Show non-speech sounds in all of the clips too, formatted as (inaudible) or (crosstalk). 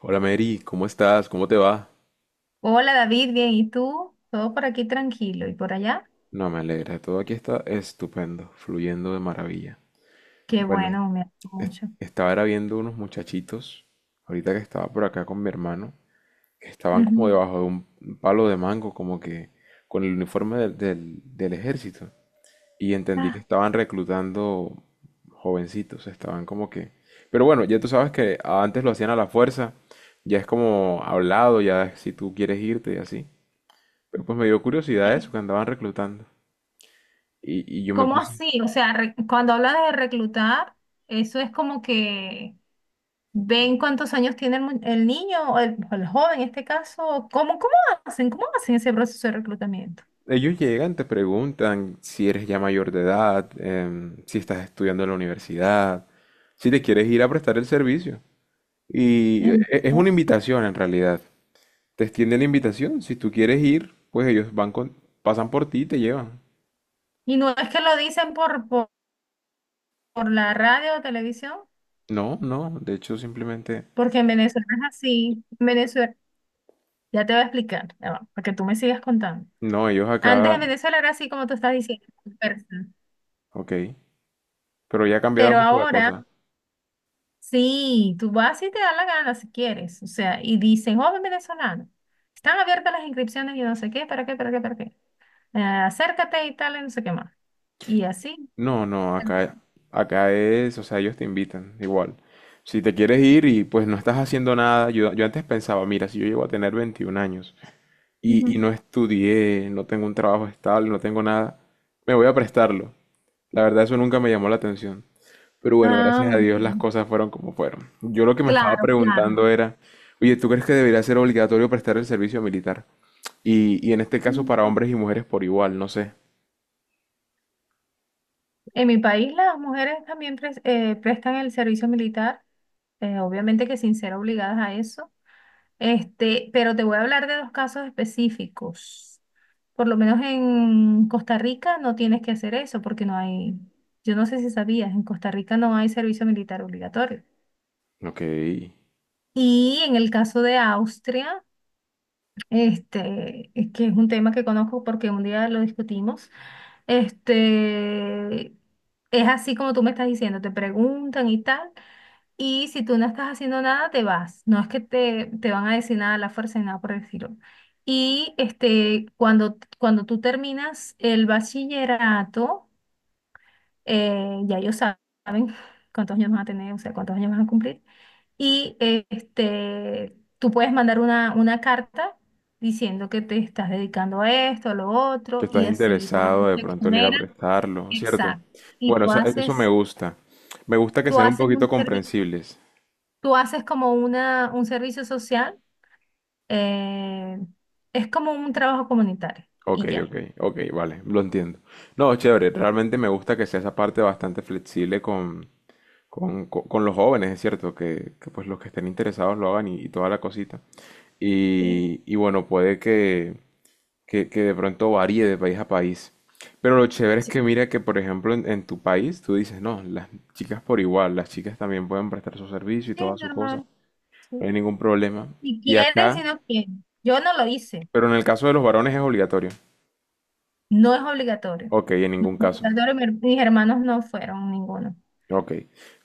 Hola Mary, ¿cómo estás? ¿Cómo te va? Hola David, bien, ¿y tú? Todo por aquí tranquilo y por allá. No, me alegra, todo aquí está estupendo, fluyendo de maravilla. Qué Bueno, bueno, me alegro mucho. estaba era viendo unos muchachitos, ahorita que estaba por acá con mi hermano, que estaban como Ujú. debajo de un palo de mango, como que con el uniforme del ejército. Y entendí que Ah, estaban reclutando jovencitos, estaban como que... Pero bueno, ya tú sabes que antes lo hacían a la fuerza, ya es como hablado, ya si tú quieres irte y así. Pero pues me dio curiosidad eh, eso, que andaban reclutando. Y yo me ¿Cómo puse... así? O sea, cuando hablas de reclutar, eso es como que ven cuántos años tiene el niño o el joven en este caso. ¿Cómo hacen? ¿Cómo hacen ese proceso de reclutamiento? Ellos llegan, te preguntan si eres ya mayor de edad, si estás estudiando en la universidad, si te quieres ir a prestar el servicio. Y e- Em, e- es una invitación en realidad. Te extienden la invitación. Si tú quieres ir, pues ellos van con, pasan por ti y te llevan. Y no es que lo dicen por la radio o televisión, No, no, de hecho simplemente... porque en Venezuela es así. En Venezuela, ya te voy a explicar, ya va, para que tú me sigas contando. No, ellos Antes en acá... Venezuela era así como tú estás diciendo, dispersa. Ok. Pero ya ha cambiado Pero mucho la ahora cosa. sí, tú vas y te da la gana si quieres. O sea, y dicen, joven venezolano, están abiertas las inscripciones y no sé qué, para qué, para qué, para qué. Acércate y tal, y no sé qué más. Y así. No, no, acá, acá es, o sea, ellos te invitan, igual. Si te quieres ir y pues no estás haciendo nada, yo antes pensaba, mira, si yo llego a tener 21 años y Ujú. no estudié, no tengo un trabajo estable, no tengo nada, me voy a prestarlo. La verdad, eso nunca me llamó la atención. Pero bueno, gracias Ah, a Dios las ok, cosas fueron como fueron. Yo lo que me estaba claro, claro. preguntando era, oye, ¿tú crees que debería ser obligatorio prestar el servicio militar? Y en este caso para hombres y mujeres por igual, no sé. En mi país las mujeres también prestan el servicio militar, obviamente que sin ser obligadas a eso. Este, pero te voy a hablar de dos casos específicos. Por lo menos en Costa Rica no tienes que hacer eso porque no hay, yo no sé si sabías, en Costa Rica no hay servicio militar obligatorio. Ok, Y en el caso de Austria, este, es que es un tema que conozco porque un día lo discutimos, este, es así como tú me estás diciendo, te preguntan y tal. Y si tú no estás haciendo nada, te vas. No es que te van a decir nada a la fuerza ni nada por el estilo. Y este, cuando tú terminas el bachillerato, ya ellos saben (laughs) cuántos años vas a tener, o sea, cuántos años vas a cumplir. Y tú puedes mandar una carta diciendo que te estás dedicando a esto, a lo que otro, estás y así por lo interesado menos de te pronto en ir a exoneran. prestarlo, ¿cierto? Exacto. Y Bueno, o tú sea, eso me haces, gusta. Me gusta que tú sean un haces poquito un servi- comprensibles. Tú haces como un servicio social. Eh, es como un trabajo comunitario Ok, y ya. ok, ok, vale, lo entiendo. No, chévere, realmente me gusta que sea esa parte bastante flexible con los jóvenes, es cierto, que pues los que estén interesados lo hagan y toda la cosita. Sí, Y bueno, puede que, que de pronto varíe de país a país. Pero lo chévere es sí. que mira que, por ejemplo, en tu país tú dices, no, las chicas por igual, las chicas también pueden prestar su servicio y Sí, toda su cosa, normal, no sí. hay ningún problema. Si Y quieren, acá, si no quieren. Yo no lo hice. pero en el caso de los varones es obligatorio. No es obligatorio. Ok, en No es ningún caso. obligatorio. Mis hermanos no fueron ninguno. Ok.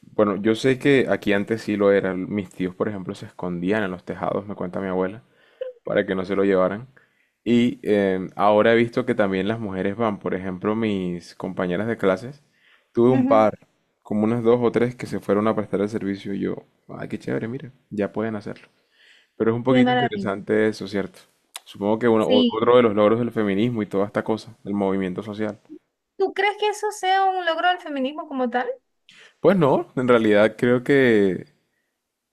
Bueno, yo sé que aquí antes sí lo era. Mis tíos, por ejemplo, se escondían en los tejados, me cuenta mi abuela, para que no se lo llevaran. Y ahora he visto que también las mujeres van, por ejemplo, mis compañeras de clases, tuve un Ujú. par, como unas dos o tres que se fueron a prestar el servicio y yo, ay, qué chévere, mira, ya pueden hacerlo. Pero es un Qué poquito maravilla. interesante eso, ¿cierto? Supongo que Sí. otro de los logros del feminismo y toda esta cosa, del movimiento social. ¿Tú crees que eso sea un logro del feminismo como tal? Pues no, en realidad creo que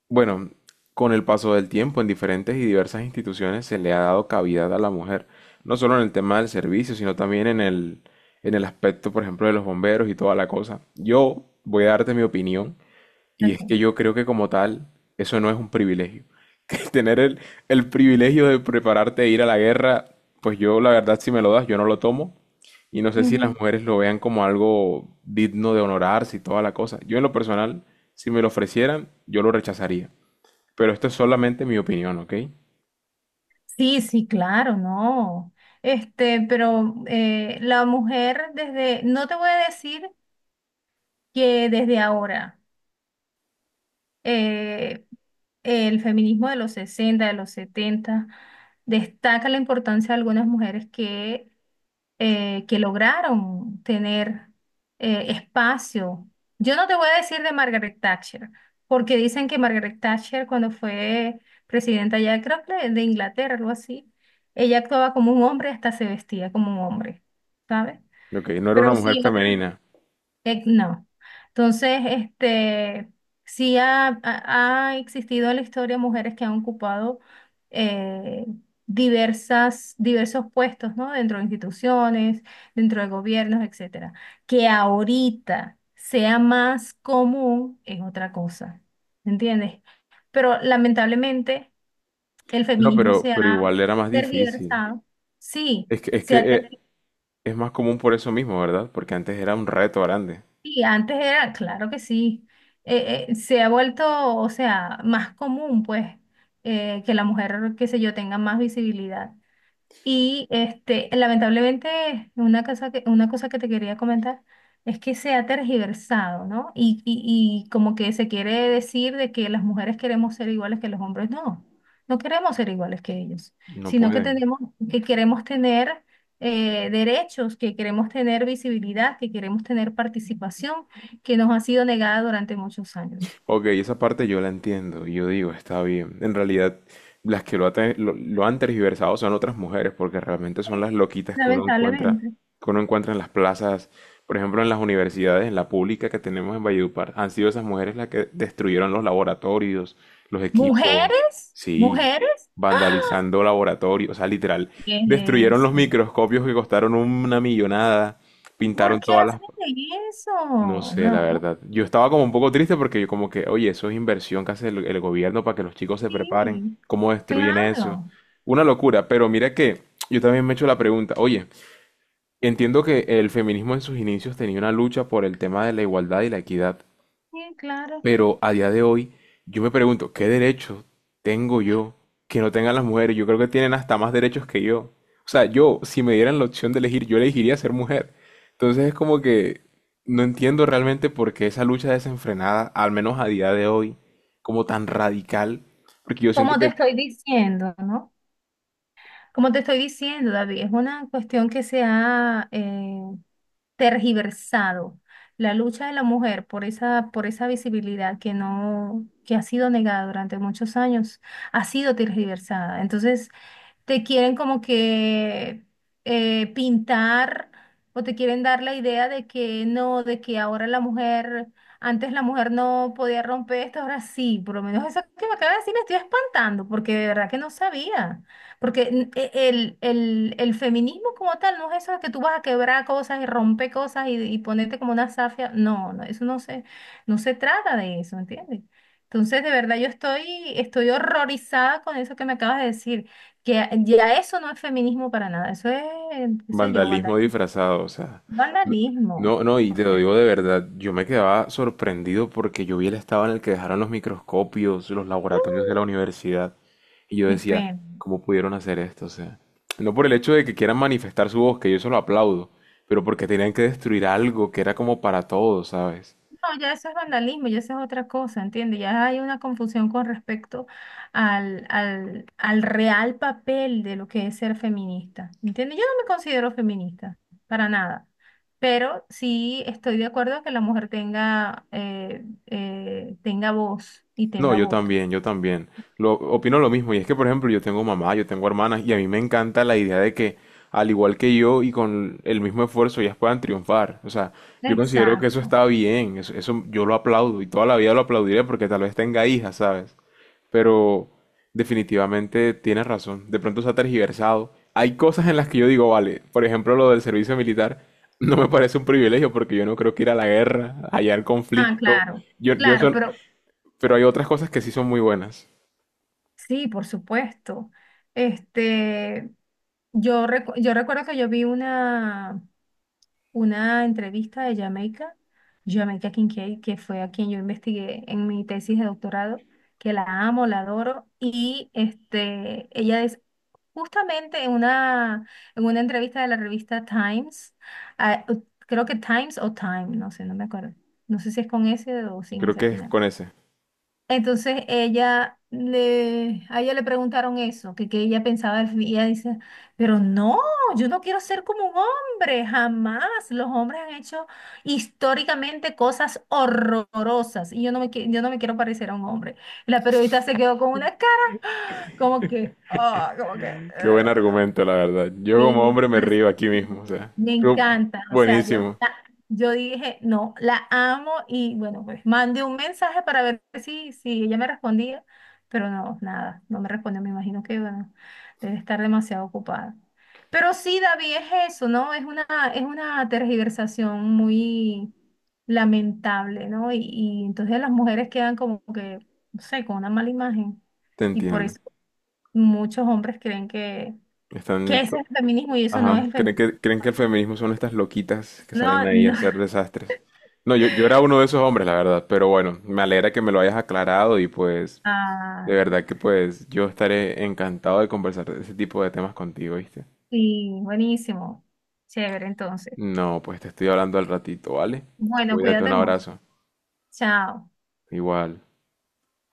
bueno, con el paso del tiempo en diferentes y diversas instituciones se le ha dado cavidad a la mujer, no solo en el tema del servicio, sino también en el aspecto, por ejemplo, de los bomberos y toda la cosa. Yo voy a darte mi opinión y Ok. es que yo creo que como tal eso no es un privilegio. (laughs) Que tener el privilegio de prepararte a ir a la guerra, pues yo la verdad si me lo das, yo no lo tomo. Y no sé si las Ujú. mujeres lo vean como algo digno de honorarse y toda la cosa. Yo en lo personal, si me lo ofrecieran, yo lo rechazaría. Pero esto es solamente mi opinión, ¿ok? Sí, sí, claro, no. Este, pero la mujer desde, no te voy a decir que desde ahora. eh, el feminismo de los 60, de los 70, destaca la importancia de algunas mujeres que lograron tener espacio. Yo no te voy a decir de Margaret Thatcher, porque dicen que Margaret Thatcher cuando fue presidenta ya, creo que de Inglaterra, algo así, ella actuaba como un hombre, hasta se vestía como un hombre, ¿sabes? Ok, no era una Pero mujer sí, otra femenina. No. Entonces, este, sí ha existido en la historia mujeres que han ocupado eh, diversos puestos, ¿no? Dentro de instituciones, dentro de gobiernos, etcétera. Que ahorita sea más común es otra cosa, ¿entiendes? Pero lamentablemente el No, feminismo se pero ha igual era más difícil. tergiversado. Sí, Es que, es se ha que eh, tergiversado. es más común por eso mismo, ¿verdad? Porque antes era un reto grande. Y antes era, claro que sí, se ha vuelto, o sea, más común, pues, que la mujer, qué sé yo, tenga más visibilidad. Y este, lamentablemente, una cosa que te quería comentar es que se ha tergiversado, ¿no? Y como que se quiere decir de que las mujeres queremos ser iguales que los hombres. No, no queremos ser iguales que ellos, No sino que pueden. tenemos, que queremos tener derechos, que queremos tener visibilidad, que queremos tener participación, que nos ha sido negada durante muchos años. Ok, esa parte yo la entiendo y yo digo, está bien. En realidad, las que lo, ha te- lo han tergiversado son otras mujeres porque realmente son las loquitas Lamentablemente. que uno encuentra en las plazas, por ejemplo, en las universidades, en la pública que tenemos en Valledupar. Han sido esas mujeres las que destruyeron los laboratorios, los equipos, Mujeres, sí, mujeres. ¡Ah! vandalizando laboratorios, o sea, literal, ¿Qué destruyeron es los eso? microscopios que costaron una millonada, ¿Por pintaron qué todas hacen las... eso? no sé, la No, verdad. Yo estaba como un poco triste porque yo como que, oye, eso es inversión que hace el gobierno para que los chicos se preparen, sí, cómo destruyen eso. claro, Una locura, pero mira que yo también me he hecho la pregunta, oye, entiendo que el feminismo en sus inicios tenía una lucha por el tema de la igualdad y la equidad, sí, claro. pero a día de hoy, yo me pregunto, ¿qué derechos tengo yo que no tengan las mujeres? Yo creo que tienen hasta más derechos que yo. O sea, yo, si me dieran la opción de elegir, yo elegiría ser mujer. Entonces es como que no entiendo realmente por qué esa lucha desenfrenada, al menos a día de hoy, como tan radical, porque yo siento Como te que... estoy diciendo, ¿no? Como te estoy diciendo, David, es una cuestión que se ha tergiversado. La lucha de la mujer por esa visibilidad que no, que ha sido negada durante muchos años, ha sido tergiversada. Entonces, te quieren como que pintar o te quieren dar la idea de que no, de que ahora la mujer, antes la mujer no podía romper esto, ahora sí, por lo menos eso que me acaba de decir me estoy espantando, porque de verdad que no sabía, porque el feminismo como tal no es eso de que tú vas a quebrar cosas y romper cosas y ponerte como una zafia, no, no, eso no se, no se trata de eso, ¿entiendes? Entonces, de verdad, estoy horrorizada con eso que me acabas de decir. Que ya eso no es feminismo para nada, eso es, qué sé yo, Vandalismo disfrazado, o sea. No, vandalismo. no, no, y O te lo sea, digo de verdad, yo me quedaba sorprendido porque yo vi el estado en el que dejaron los microscopios, los laboratorios de la universidad, y yo qué decía, pena. ¿cómo pudieron hacer esto? O sea, no por el hecho de que quieran manifestar su voz, que yo eso lo aplaudo, pero porque tenían que destruir algo que era como para todos, ¿sabes? No, ya eso es vandalismo, ya eso es otra cosa, ¿entiendes? Ya hay una confusión con respecto al real papel de lo que es ser feminista, ¿entiendes? Yo no me considero feminista, para nada, pero sí estoy de acuerdo que la mujer tenga, tenga voz y No, tenga yo voto. también, yo también. Opino lo mismo. Y es que, por ejemplo, yo tengo mamá, yo tengo hermanas, y a mí me encanta la idea de que, al igual que yo y con el mismo esfuerzo, ellas puedan triunfar. O sea, yo considero que eso Exacto. está bien, eso yo lo aplaudo y toda la vida lo aplaudiré porque tal vez tenga hijas, ¿sabes? Pero definitivamente tienes razón. De pronto se ha tergiversado. Hay cosas en las que yo digo, vale, por ejemplo, lo del servicio militar. (laughs) No me parece un privilegio porque yo no creo que ir a la guerra, hallar Ah, conflicto. claro, Yo claro, eso, pero pero hay otras cosas que sí son muy buenas. sí, por supuesto. Este, yo recuerdo que yo vi una entrevista de Jamaica, Jamaica Kincaid, que fue a quien yo investigué en mi tesis de doctorado, que la amo, la adoro, y este, ella es justamente en una entrevista de la revista Times, ah, creo que Times o Time, no sé, no me acuerdo, no sé si es con S o sin Creo S que al es final. con ese. Entonces a ella le preguntaron eso, que ella pensaba, y ella dice, pero no, yo no quiero ser como un hombre, jamás. Los hombres han hecho históricamente cosas horrorosas y yo yo no me quiero parecer a un hombre. La periodista se quedó con una cara como que, ah, como que, Qué buen argumento, la verdad. Yo como Sí, hombre me as- río aquí mismo, o sea, Me creo... encanta. Buenísimo. Yo dije, no, la amo y bueno, pues mandé un mensaje para ver si, si ella me respondía, pero no, nada, no me respondió. Me imagino que bueno, debe estar demasiado ocupada. Pero sí, David, es eso, ¿no? Es una tergiversación muy lamentable, ¿no? Y entonces las mujeres quedan como que, no sé, con una mala imagen. Te Y por entiendo. eso muchos hombres creen que Están... ¿qué es to... el feminismo? Y eso no Ajá. es feminismo. Creen que el feminismo son estas loquitas que salen No, ahí a no. hacer (laughs) desastres? No, yo era uno de esos hombres, la verdad. Pero bueno, me alegra que me lo hayas aclarado y pues... Ah, De verdad que pues yo estaré encantado de conversar de ese tipo de temas contigo, ¿viste? sí, buenísimo. Chévere, entonces. No, pues te estoy hablando al ratito, ¿vale? Bueno, Cuídate, un cuídate mucho. abrazo. Chao. Igual.